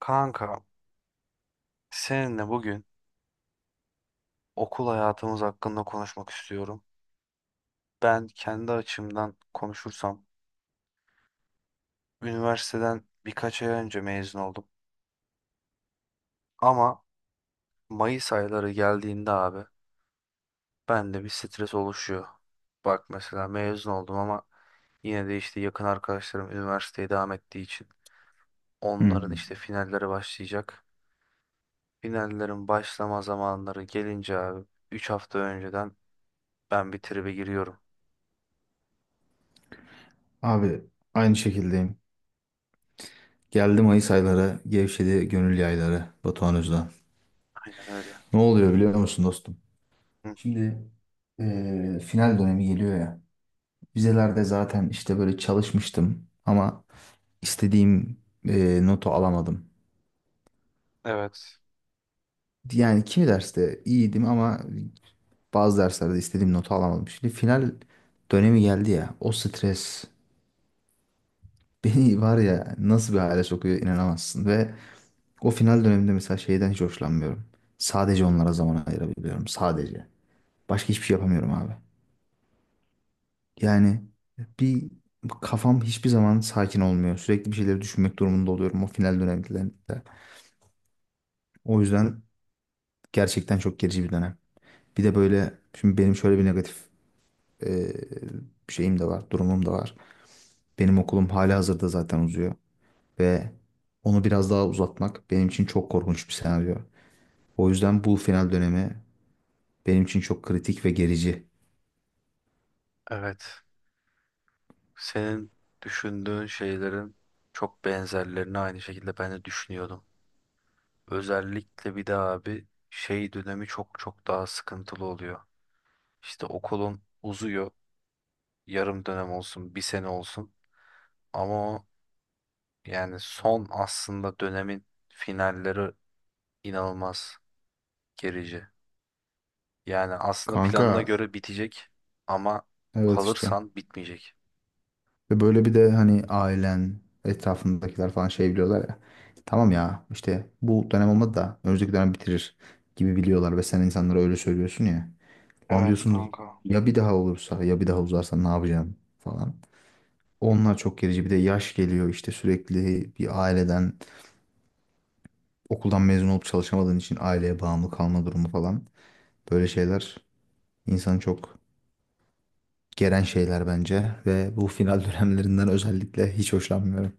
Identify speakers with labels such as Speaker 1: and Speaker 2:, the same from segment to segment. Speaker 1: Kanka, seninle bugün okul hayatımız hakkında konuşmak istiyorum. Ben kendi açımdan konuşursam, üniversiteden birkaç ay önce mezun oldum. Ama Mayıs ayları geldiğinde abi, bende bir stres oluşuyor. Bak mesela mezun oldum ama yine de işte yakın arkadaşlarım üniversiteye devam ettiği için
Speaker 2: Hı.
Speaker 1: onların işte finalleri başlayacak. Finallerin başlama zamanları gelince abi, 3 hafta önceden ben bir tribe giriyorum.
Speaker 2: Abi aynı şekildeyim. Geldi Mayıs ayları, gevşedi gönül yayları Batuhan Özden.
Speaker 1: Aynen öyle.
Speaker 2: Ne oluyor biliyor musun dostum?
Speaker 1: Hı,
Speaker 2: Şimdi final dönemi geliyor ya. Vizelerde zaten işte böyle çalışmıştım ama istediğim notu alamadım.
Speaker 1: evet.
Speaker 2: Yani kimi derste iyiydim ama bazı derslerde istediğim notu alamadım. Şimdi final dönemi geldi ya. O stres beni var ya nasıl bir hale sokuyor inanamazsın ve o final döneminde mesela şeyden hiç hoşlanmıyorum. Sadece onlara zaman ayırabiliyorum. Sadece. Başka hiçbir şey yapamıyorum abi. Yani bir kafam hiçbir zaman sakin olmuyor. Sürekli bir şeyleri düşünmek durumunda oluyorum o final dönemlerinde. O yüzden gerçekten çok gerici bir dönem. Bir de böyle şimdi benim şöyle bir negatif e, şeyim de var, durumum da var. Benim okulum hala hazırda zaten uzuyor ve onu biraz daha uzatmak benim için çok korkunç bir senaryo. O yüzden bu final dönemi benim için çok kritik ve gerici.
Speaker 1: Evet. Senin düşündüğün şeylerin çok benzerlerini aynı şekilde ben de düşünüyordum. Özellikle bir de abi şey dönemi çok çok daha sıkıntılı oluyor. İşte okulun uzuyor. Yarım dönem olsun, bir sene olsun. Ama o yani son aslında dönemin finalleri inanılmaz gerici. Yani aslında
Speaker 2: Kanka,
Speaker 1: planına göre bitecek ama
Speaker 2: evet işte.
Speaker 1: kalırsan bitmeyecek.
Speaker 2: Ve böyle bir de hani ailen, etrafındakiler falan şey biliyorlar ya. Tamam ya, işte bu dönem olmadı da önümüzdeki dönem bitirir gibi biliyorlar ve sen insanlara öyle söylüyorsun ya. Lan
Speaker 1: Evet
Speaker 2: diyorsun
Speaker 1: kanka.
Speaker 2: ya, bir daha olursa, ya bir daha uzarsa ne yapacağım falan. Onlar çok gerici, bir de yaş geliyor işte, sürekli bir aileden, okuldan mezun olup çalışamadığın için aileye bağımlı kalma durumu falan. Böyle şeyler insanı çok geren şeyler bence ve bu final dönemlerinden özellikle hiç hoşlanmıyorum.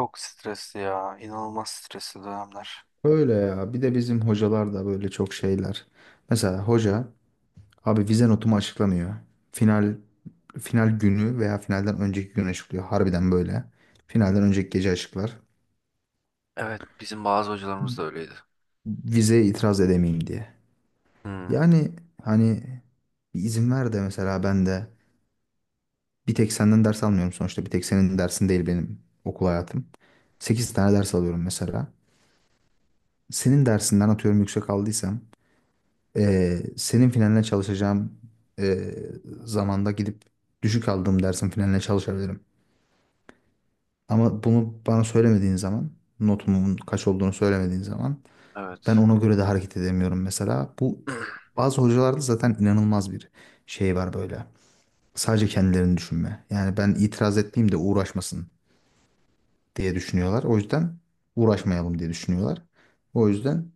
Speaker 1: Çok stresli ya. İnanılmaz stresli dönemler.
Speaker 2: Öyle ya. Bir de bizim hocalar da böyle çok şeyler. Mesela hoca abi vize notumu açıklamıyor. Final, final günü veya finalden önceki gün açıklıyor. Harbiden böyle. Finalden önceki gece açıklar.
Speaker 1: Evet, bizim bazı hocalarımız da öyleydi.
Speaker 2: Vizeye itiraz edemeyeyim diye.
Speaker 1: Hmm,
Speaker 2: Yani hani bir izin ver de mesela ben de bir tek senden ders almıyorum sonuçta. Bir tek senin dersin değil benim okul hayatım. 8 tane ders alıyorum mesela. Senin dersinden atıyorum yüksek aldıysam, ee, senin finaline çalışacağım e, zamanda gidip düşük aldığım dersin finaline çalışabilirim. Ama bunu bana söylemediğin zaman, notumun kaç olduğunu söylemediğin zaman
Speaker 1: evet.
Speaker 2: ben ona göre de hareket edemiyorum mesela. Bu, bazı hocalarda zaten inanılmaz bir şey var böyle. Sadece kendilerini düşünme. Yani ben itiraz etmeyeyim de uğraşmasın diye düşünüyorlar. O yüzden uğraşmayalım diye düşünüyorlar. O yüzden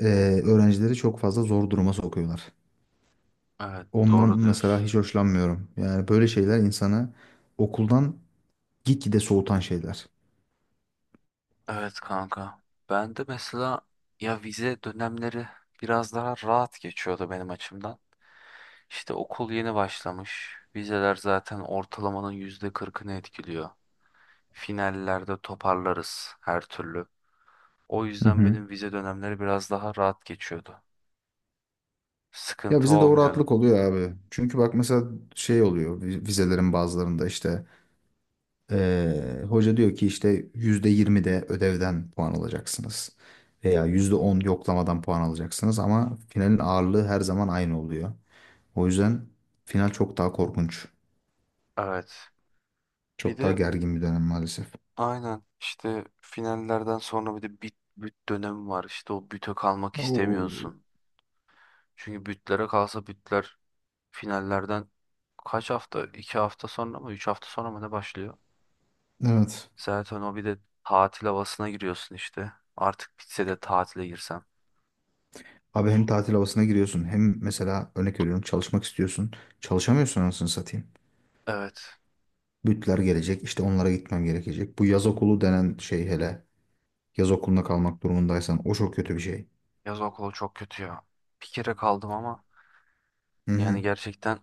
Speaker 2: e, öğrencileri çok fazla zor duruma sokuyorlar.
Speaker 1: Evet,
Speaker 2: Ondan
Speaker 1: doğru
Speaker 2: mesela
Speaker 1: diyorsun.
Speaker 2: hiç hoşlanmıyorum. Yani böyle şeyler insana okuldan gitgide soğutan şeyler.
Speaker 1: Evet kanka. Ben de mesela ya vize dönemleri biraz daha rahat geçiyordu benim açımdan. İşte okul yeni başlamış. Vizeler zaten ortalamanın %40'ını etkiliyor. Finallerde toparlarız her türlü. O
Speaker 2: Hı
Speaker 1: yüzden
Speaker 2: hı.
Speaker 1: benim vize dönemleri biraz daha rahat geçiyordu.
Speaker 2: Ya
Speaker 1: Sıkıntı
Speaker 2: bize de o
Speaker 1: olmuyordu.
Speaker 2: rahatlık oluyor abi. Çünkü bak mesela şey oluyor, vizelerin bazılarında işte hoca diyor ki işte %20 de ödevden puan alacaksınız. Veya %10 yoklamadan puan alacaksınız ama finalin ağırlığı her zaman aynı oluyor. O yüzden final çok daha korkunç.
Speaker 1: Evet. Bir
Speaker 2: Çok daha
Speaker 1: de
Speaker 2: gergin bir dönem maalesef.
Speaker 1: Aynen işte finallerden sonra bir de büt dönemi var. İşte o büte kalmak
Speaker 2: Oo.
Speaker 1: istemiyorsun. Çünkü bütlere kalsa bütler finallerden kaç hafta? 2 hafta sonra mı? 3 hafta sonra mı ne başlıyor?
Speaker 2: Evet.
Speaker 1: Zaten o bir de tatil havasına giriyorsun işte. Artık bitse de tatile girsem.
Speaker 2: Abi hem tatil havasına giriyorsun hem mesela örnek veriyorum çalışmak istiyorsun. Çalışamıyorsun anasını satayım.
Speaker 1: Evet.
Speaker 2: Bütler gelecek, işte onlara gitmem gerekecek. Bu yaz okulu denen şey, hele yaz okulunda kalmak durumundaysan, o çok kötü bir şey.
Speaker 1: Yaz okulu çok kötü ya. Bir kere kaldım ama
Speaker 2: Hı
Speaker 1: yani
Speaker 2: hı.
Speaker 1: gerçekten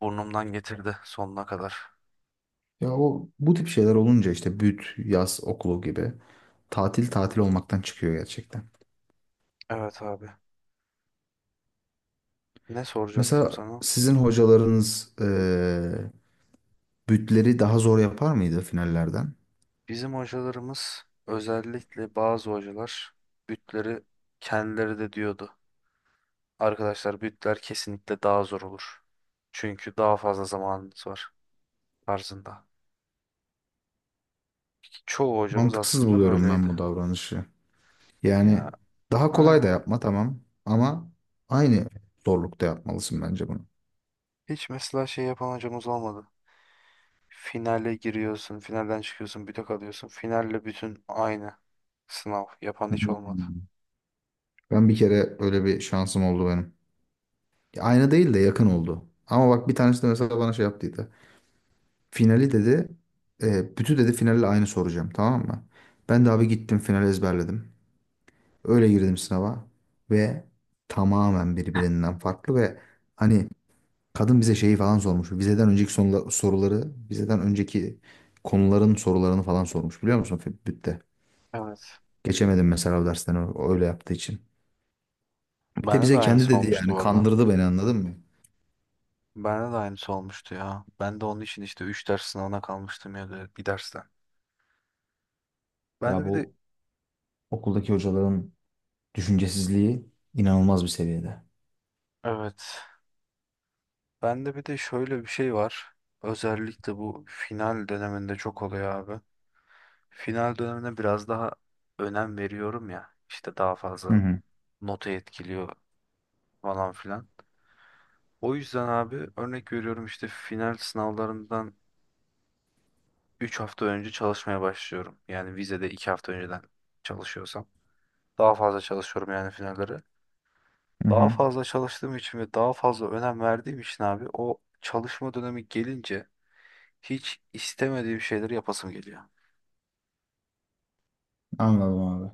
Speaker 1: burnumdan getirdi sonuna kadar.
Speaker 2: Ya o bu tip şeyler olunca, işte büt, yaz okulu gibi, tatil tatil olmaktan çıkıyor gerçekten.
Speaker 1: Evet abi. Ne soracaktım
Speaker 2: Mesela
Speaker 1: sana?
Speaker 2: sizin hocalarınız bütleri daha zor yapar mıydı finallerden?
Speaker 1: Bizim hocalarımız özellikle bazı hocalar bütleri kendileri de diyordu. Arkadaşlar bütler kesinlikle daha zor olur. Çünkü daha fazla zamanınız var tarzında. Çoğu hocamız
Speaker 2: Mantıksız
Speaker 1: aslında
Speaker 2: buluyorum ben
Speaker 1: böyleydi.
Speaker 2: bu davranışı. Yani
Speaker 1: Ya
Speaker 2: daha kolay da
Speaker 1: aynen.
Speaker 2: yapma tamam ama aynı zorlukta yapmalısın bence bunu.
Speaker 1: Hiç mesela şey yapan hocamız olmadı. Finale giriyorsun, finalden çıkıyorsun, büte kalıyorsun. Finalle bütün aynı sınav yapan hiç olmadı.
Speaker 2: Hmm. Ben bir kere öyle bir şansım oldu benim. Ya aynı değil de yakın oldu. Ama bak, bir tanesi de mesela bana şey yaptıydı. Finali dedi, bütü dedi finali aynı soracağım tamam mı? Ben de abi gittim finali ezberledim. Öyle girdim sınava ve tamamen birbirinden farklı ve hani kadın bize şeyi falan sormuş. Vizeden önceki soruları, vizeden önceki konuların sorularını falan sormuş biliyor musun, bütte?
Speaker 1: Evet.
Speaker 2: Geçemedim mesela o dersten öyle yaptığı için. Bir de
Speaker 1: Bende de
Speaker 2: bize kendi
Speaker 1: aynısı
Speaker 2: dedi,
Speaker 1: olmuştu
Speaker 2: yani
Speaker 1: orada.
Speaker 2: kandırdı beni, anladın mı?
Speaker 1: Bende de aynısı olmuştu ya. Ben de onun için işte 3 ders sınavına kalmıştım ya da bir dersten. Ben de
Speaker 2: Ya
Speaker 1: bir de
Speaker 2: bu okuldaki hocaların düşüncesizliği inanılmaz bir seviyede.
Speaker 1: Evet. Ben de bir de şöyle bir şey var. Özellikle bu final döneminde çok oluyor abi. Final dönemine biraz daha önem veriyorum ya. İşte daha
Speaker 2: Hı
Speaker 1: fazla
Speaker 2: hı,
Speaker 1: notu etkiliyor falan filan. O yüzden abi örnek veriyorum işte final sınavlarından 3 hafta önce çalışmaya başlıyorum. Yani vizede 2 hafta önceden çalışıyorsam. Daha fazla çalışıyorum yani finallere.
Speaker 2: hı
Speaker 1: Daha
Speaker 2: hı.
Speaker 1: fazla çalıştığım için ve daha fazla önem verdiğim için abi o çalışma dönemi gelince hiç istemediğim şeyleri yapasım geliyor.
Speaker 2: Anladım abi.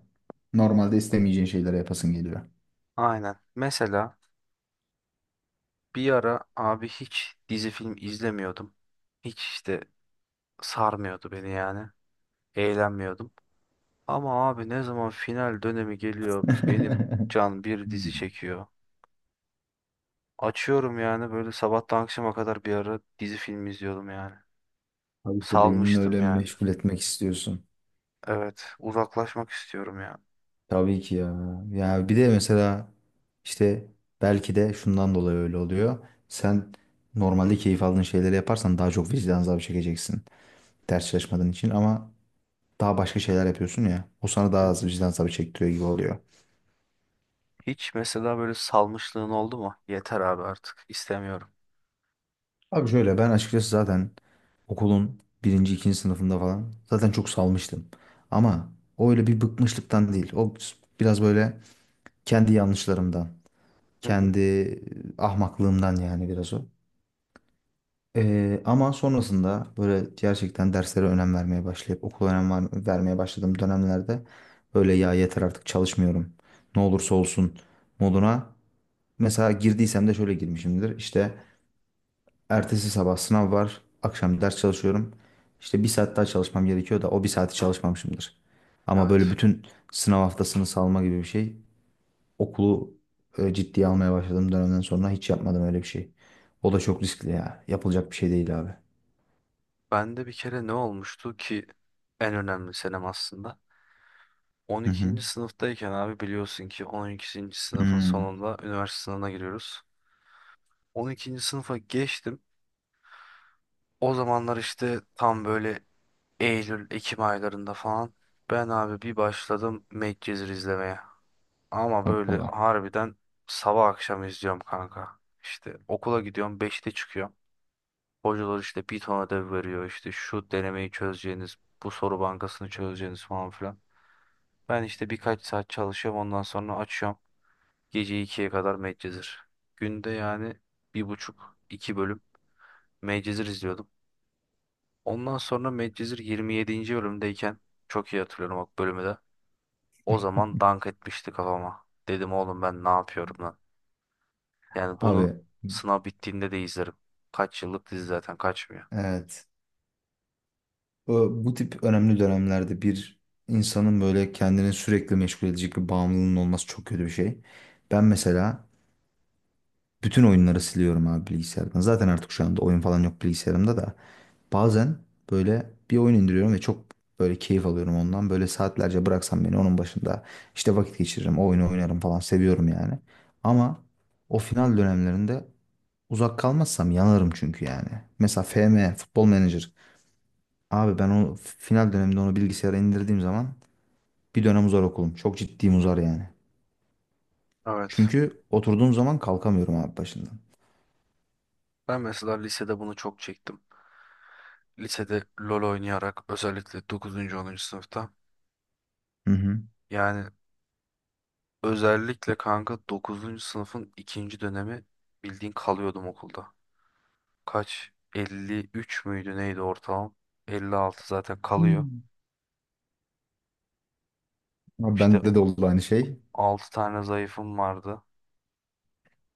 Speaker 2: Normalde istemeyeceğin şeylere yapasın geliyor.
Speaker 1: Aynen. Mesela bir ara abi hiç dizi film izlemiyordum. Hiç işte sarmıyordu beni yani. Eğlenmiyordum. Ama abi ne zaman final dönemi geliyor benim can bir dizi
Speaker 2: Hmm.
Speaker 1: çekiyor. Açıyorum yani böyle sabahtan akşama kadar bir ara dizi film izliyordum yani.
Speaker 2: Abi işte beynini
Speaker 1: Salmıştım
Speaker 2: öyle
Speaker 1: yani.
Speaker 2: meşgul etmek istiyorsun.
Speaker 1: Evet, uzaklaşmak istiyorum ya.
Speaker 2: Tabii ki ya. Ya bir de mesela işte belki de şundan dolayı öyle oluyor. Sen normalde keyif aldığın şeyleri yaparsan daha çok vicdan azabı çekeceksin. Ders çalışmadığın için ama daha başka şeyler yapıyorsun ya. O sana daha az vicdan azabı çektiriyor gibi oluyor.
Speaker 1: Hiç mesela böyle salmışlığın oldu mu? Yeter abi artık istemiyorum.
Speaker 2: Abi şöyle, ben açıkçası zaten okulun birinci, ikinci sınıfında falan zaten çok salmıştım. Ama o öyle bir bıkmışlıktan değil. O biraz böyle kendi yanlışlarımdan,
Speaker 1: Hı hı.
Speaker 2: kendi ahmaklığımdan, yani biraz o. Ama sonrasında böyle gerçekten derslere önem vermeye başlayıp okula önem vermeye başladığım dönemlerde böyle ya yeter artık çalışmıyorum. Ne olursa olsun moduna mesela girdiysem de şöyle girmişimdir. İşte ertesi sabah sınav var, akşam ders çalışıyorum. İşte bir saat daha çalışmam gerekiyor da o bir saati çalışmamışımdır. Ama böyle
Speaker 1: Evet.
Speaker 2: bütün sınav haftasını salma gibi bir şey, okulu ciddiye almaya başladığım dönemden sonra hiç yapmadım öyle bir şey. O da çok riskli ya. Yapılacak bir şey değil abi.
Speaker 1: Ben de bir kere ne olmuştu ki en önemli senem aslında.
Speaker 2: Hı hı.
Speaker 1: 12. sınıftayken abi biliyorsun ki 12. sınıfın
Speaker 2: Hmm,
Speaker 1: sonunda üniversite sınavına giriyoruz. 12. sınıfa geçtim. O zamanlar işte tam böyle Eylül, Ekim aylarında falan ben abi bir başladım Medcezir izlemeye. Ama böyle
Speaker 2: hoppala.
Speaker 1: harbiden sabah akşam izliyorum kanka. İşte okula gidiyorum beşte çıkıyorum. Hocalar işte bir ton ödev veriyor işte şu denemeyi çözeceğiniz, bu soru bankasını çözeceğiniz falan filan. Ben işte birkaç saat çalışıyorum ondan sonra açıyorum. Gece ikiye kadar Medcezir. Günde yani bir buçuk iki bölüm Medcezir izliyordum. Ondan sonra Medcezir 27. bölümdeyken çok iyi hatırlıyorum bak bölümü de. O zaman dank etmişti kafama. Dedim oğlum ben ne yapıyorum lan. Yani bunu
Speaker 2: Abi
Speaker 1: sınav bittiğinde de izlerim. Kaç yıllık dizi zaten kaçmıyor.
Speaker 2: evet. Bu tip önemli dönemlerde bir insanın böyle kendini sürekli meşgul edecek bir bağımlılığının olması çok kötü bir şey. Ben mesela bütün oyunları siliyorum abi bilgisayardan. Zaten artık şu anda oyun falan yok bilgisayarımda da. Bazen böyle bir oyun indiriyorum ve çok böyle keyif alıyorum ondan. Böyle saatlerce bıraksam beni onun başında işte vakit geçiririm, o oyunu oynarım falan, seviyorum yani. Ama o final dönemlerinde uzak kalmazsam yanarım çünkü yani. Mesela FM, Futbol Manager. Abi ben o final döneminde onu bilgisayara indirdiğim zaman bir dönem uzar okulum. Çok ciddiyim, uzar yani.
Speaker 1: Evet.
Speaker 2: Çünkü oturduğum zaman kalkamıyorum abi başından.
Speaker 1: Ben mesela lisede bunu çok çektim. Lisede LoL oynayarak özellikle 9. 10. sınıfta.
Speaker 2: Hı hı.
Speaker 1: Yani özellikle kanka 9. sınıfın ikinci dönemi bildiğin kalıyordum okulda. Kaç? 53 müydü neydi ortalama? 56 zaten kalıyor.
Speaker 2: Hmm. Abi
Speaker 1: İşte
Speaker 2: bende de oldu aynı şey.
Speaker 1: 6 tane zayıfım vardı.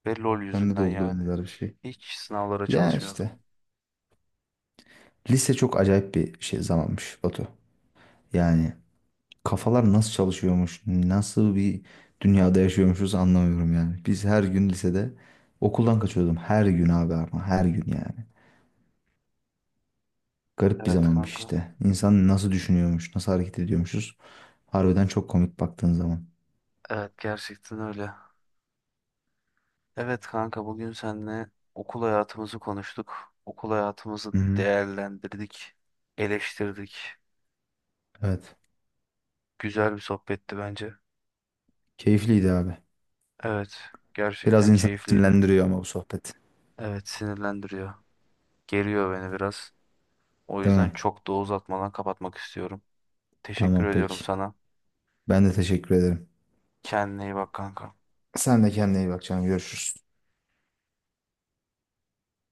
Speaker 1: Ve LoL
Speaker 2: Bende de
Speaker 1: yüzünden
Speaker 2: oldu
Speaker 1: yani.
Speaker 2: benzer bir şey.
Speaker 1: Hiç sınavlara
Speaker 2: Ya
Speaker 1: çalışmıyordum.
Speaker 2: işte. Lise çok acayip bir şey zamanmış Batu. Yani kafalar nasıl çalışıyormuş, nasıl bir dünyada yaşıyormuşuz anlamıyorum yani. Biz her gün lisede okuldan kaçıyordum. Her gün abi, ama her gün yani. Garip bir
Speaker 1: Evet
Speaker 2: zamanmış
Speaker 1: kanka.
Speaker 2: işte. İnsan nasıl düşünüyormuş, nasıl hareket ediyormuşuz. Harbiden çok komik baktığın zaman.
Speaker 1: Evet gerçekten öyle. Evet kanka bugün seninle okul hayatımızı konuştuk. Okul hayatımızı
Speaker 2: Hı hı.
Speaker 1: değerlendirdik, eleştirdik.
Speaker 2: Evet.
Speaker 1: Güzel bir sohbetti bence.
Speaker 2: Keyifliydi abi.
Speaker 1: Evet,
Speaker 2: Biraz
Speaker 1: gerçekten
Speaker 2: insan
Speaker 1: keyifliydi.
Speaker 2: sinirlendiriyor ama bu sohbet.
Speaker 1: Evet, sinirlendiriyor. Geriyor beni biraz. O
Speaker 2: Değil
Speaker 1: yüzden
Speaker 2: mi?
Speaker 1: çok da uzatmadan kapatmak istiyorum. Teşekkür
Speaker 2: Tamam
Speaker 1: ediyorum
Speaker 2: peki.
Speaker 1: sana.
Speaker 2: Ben de teşekkür ederim.
Speaker 1: Kendine iyi bak kanka.
Speaker 2: Sen de kendine iyi bak canım. Görüşürüz.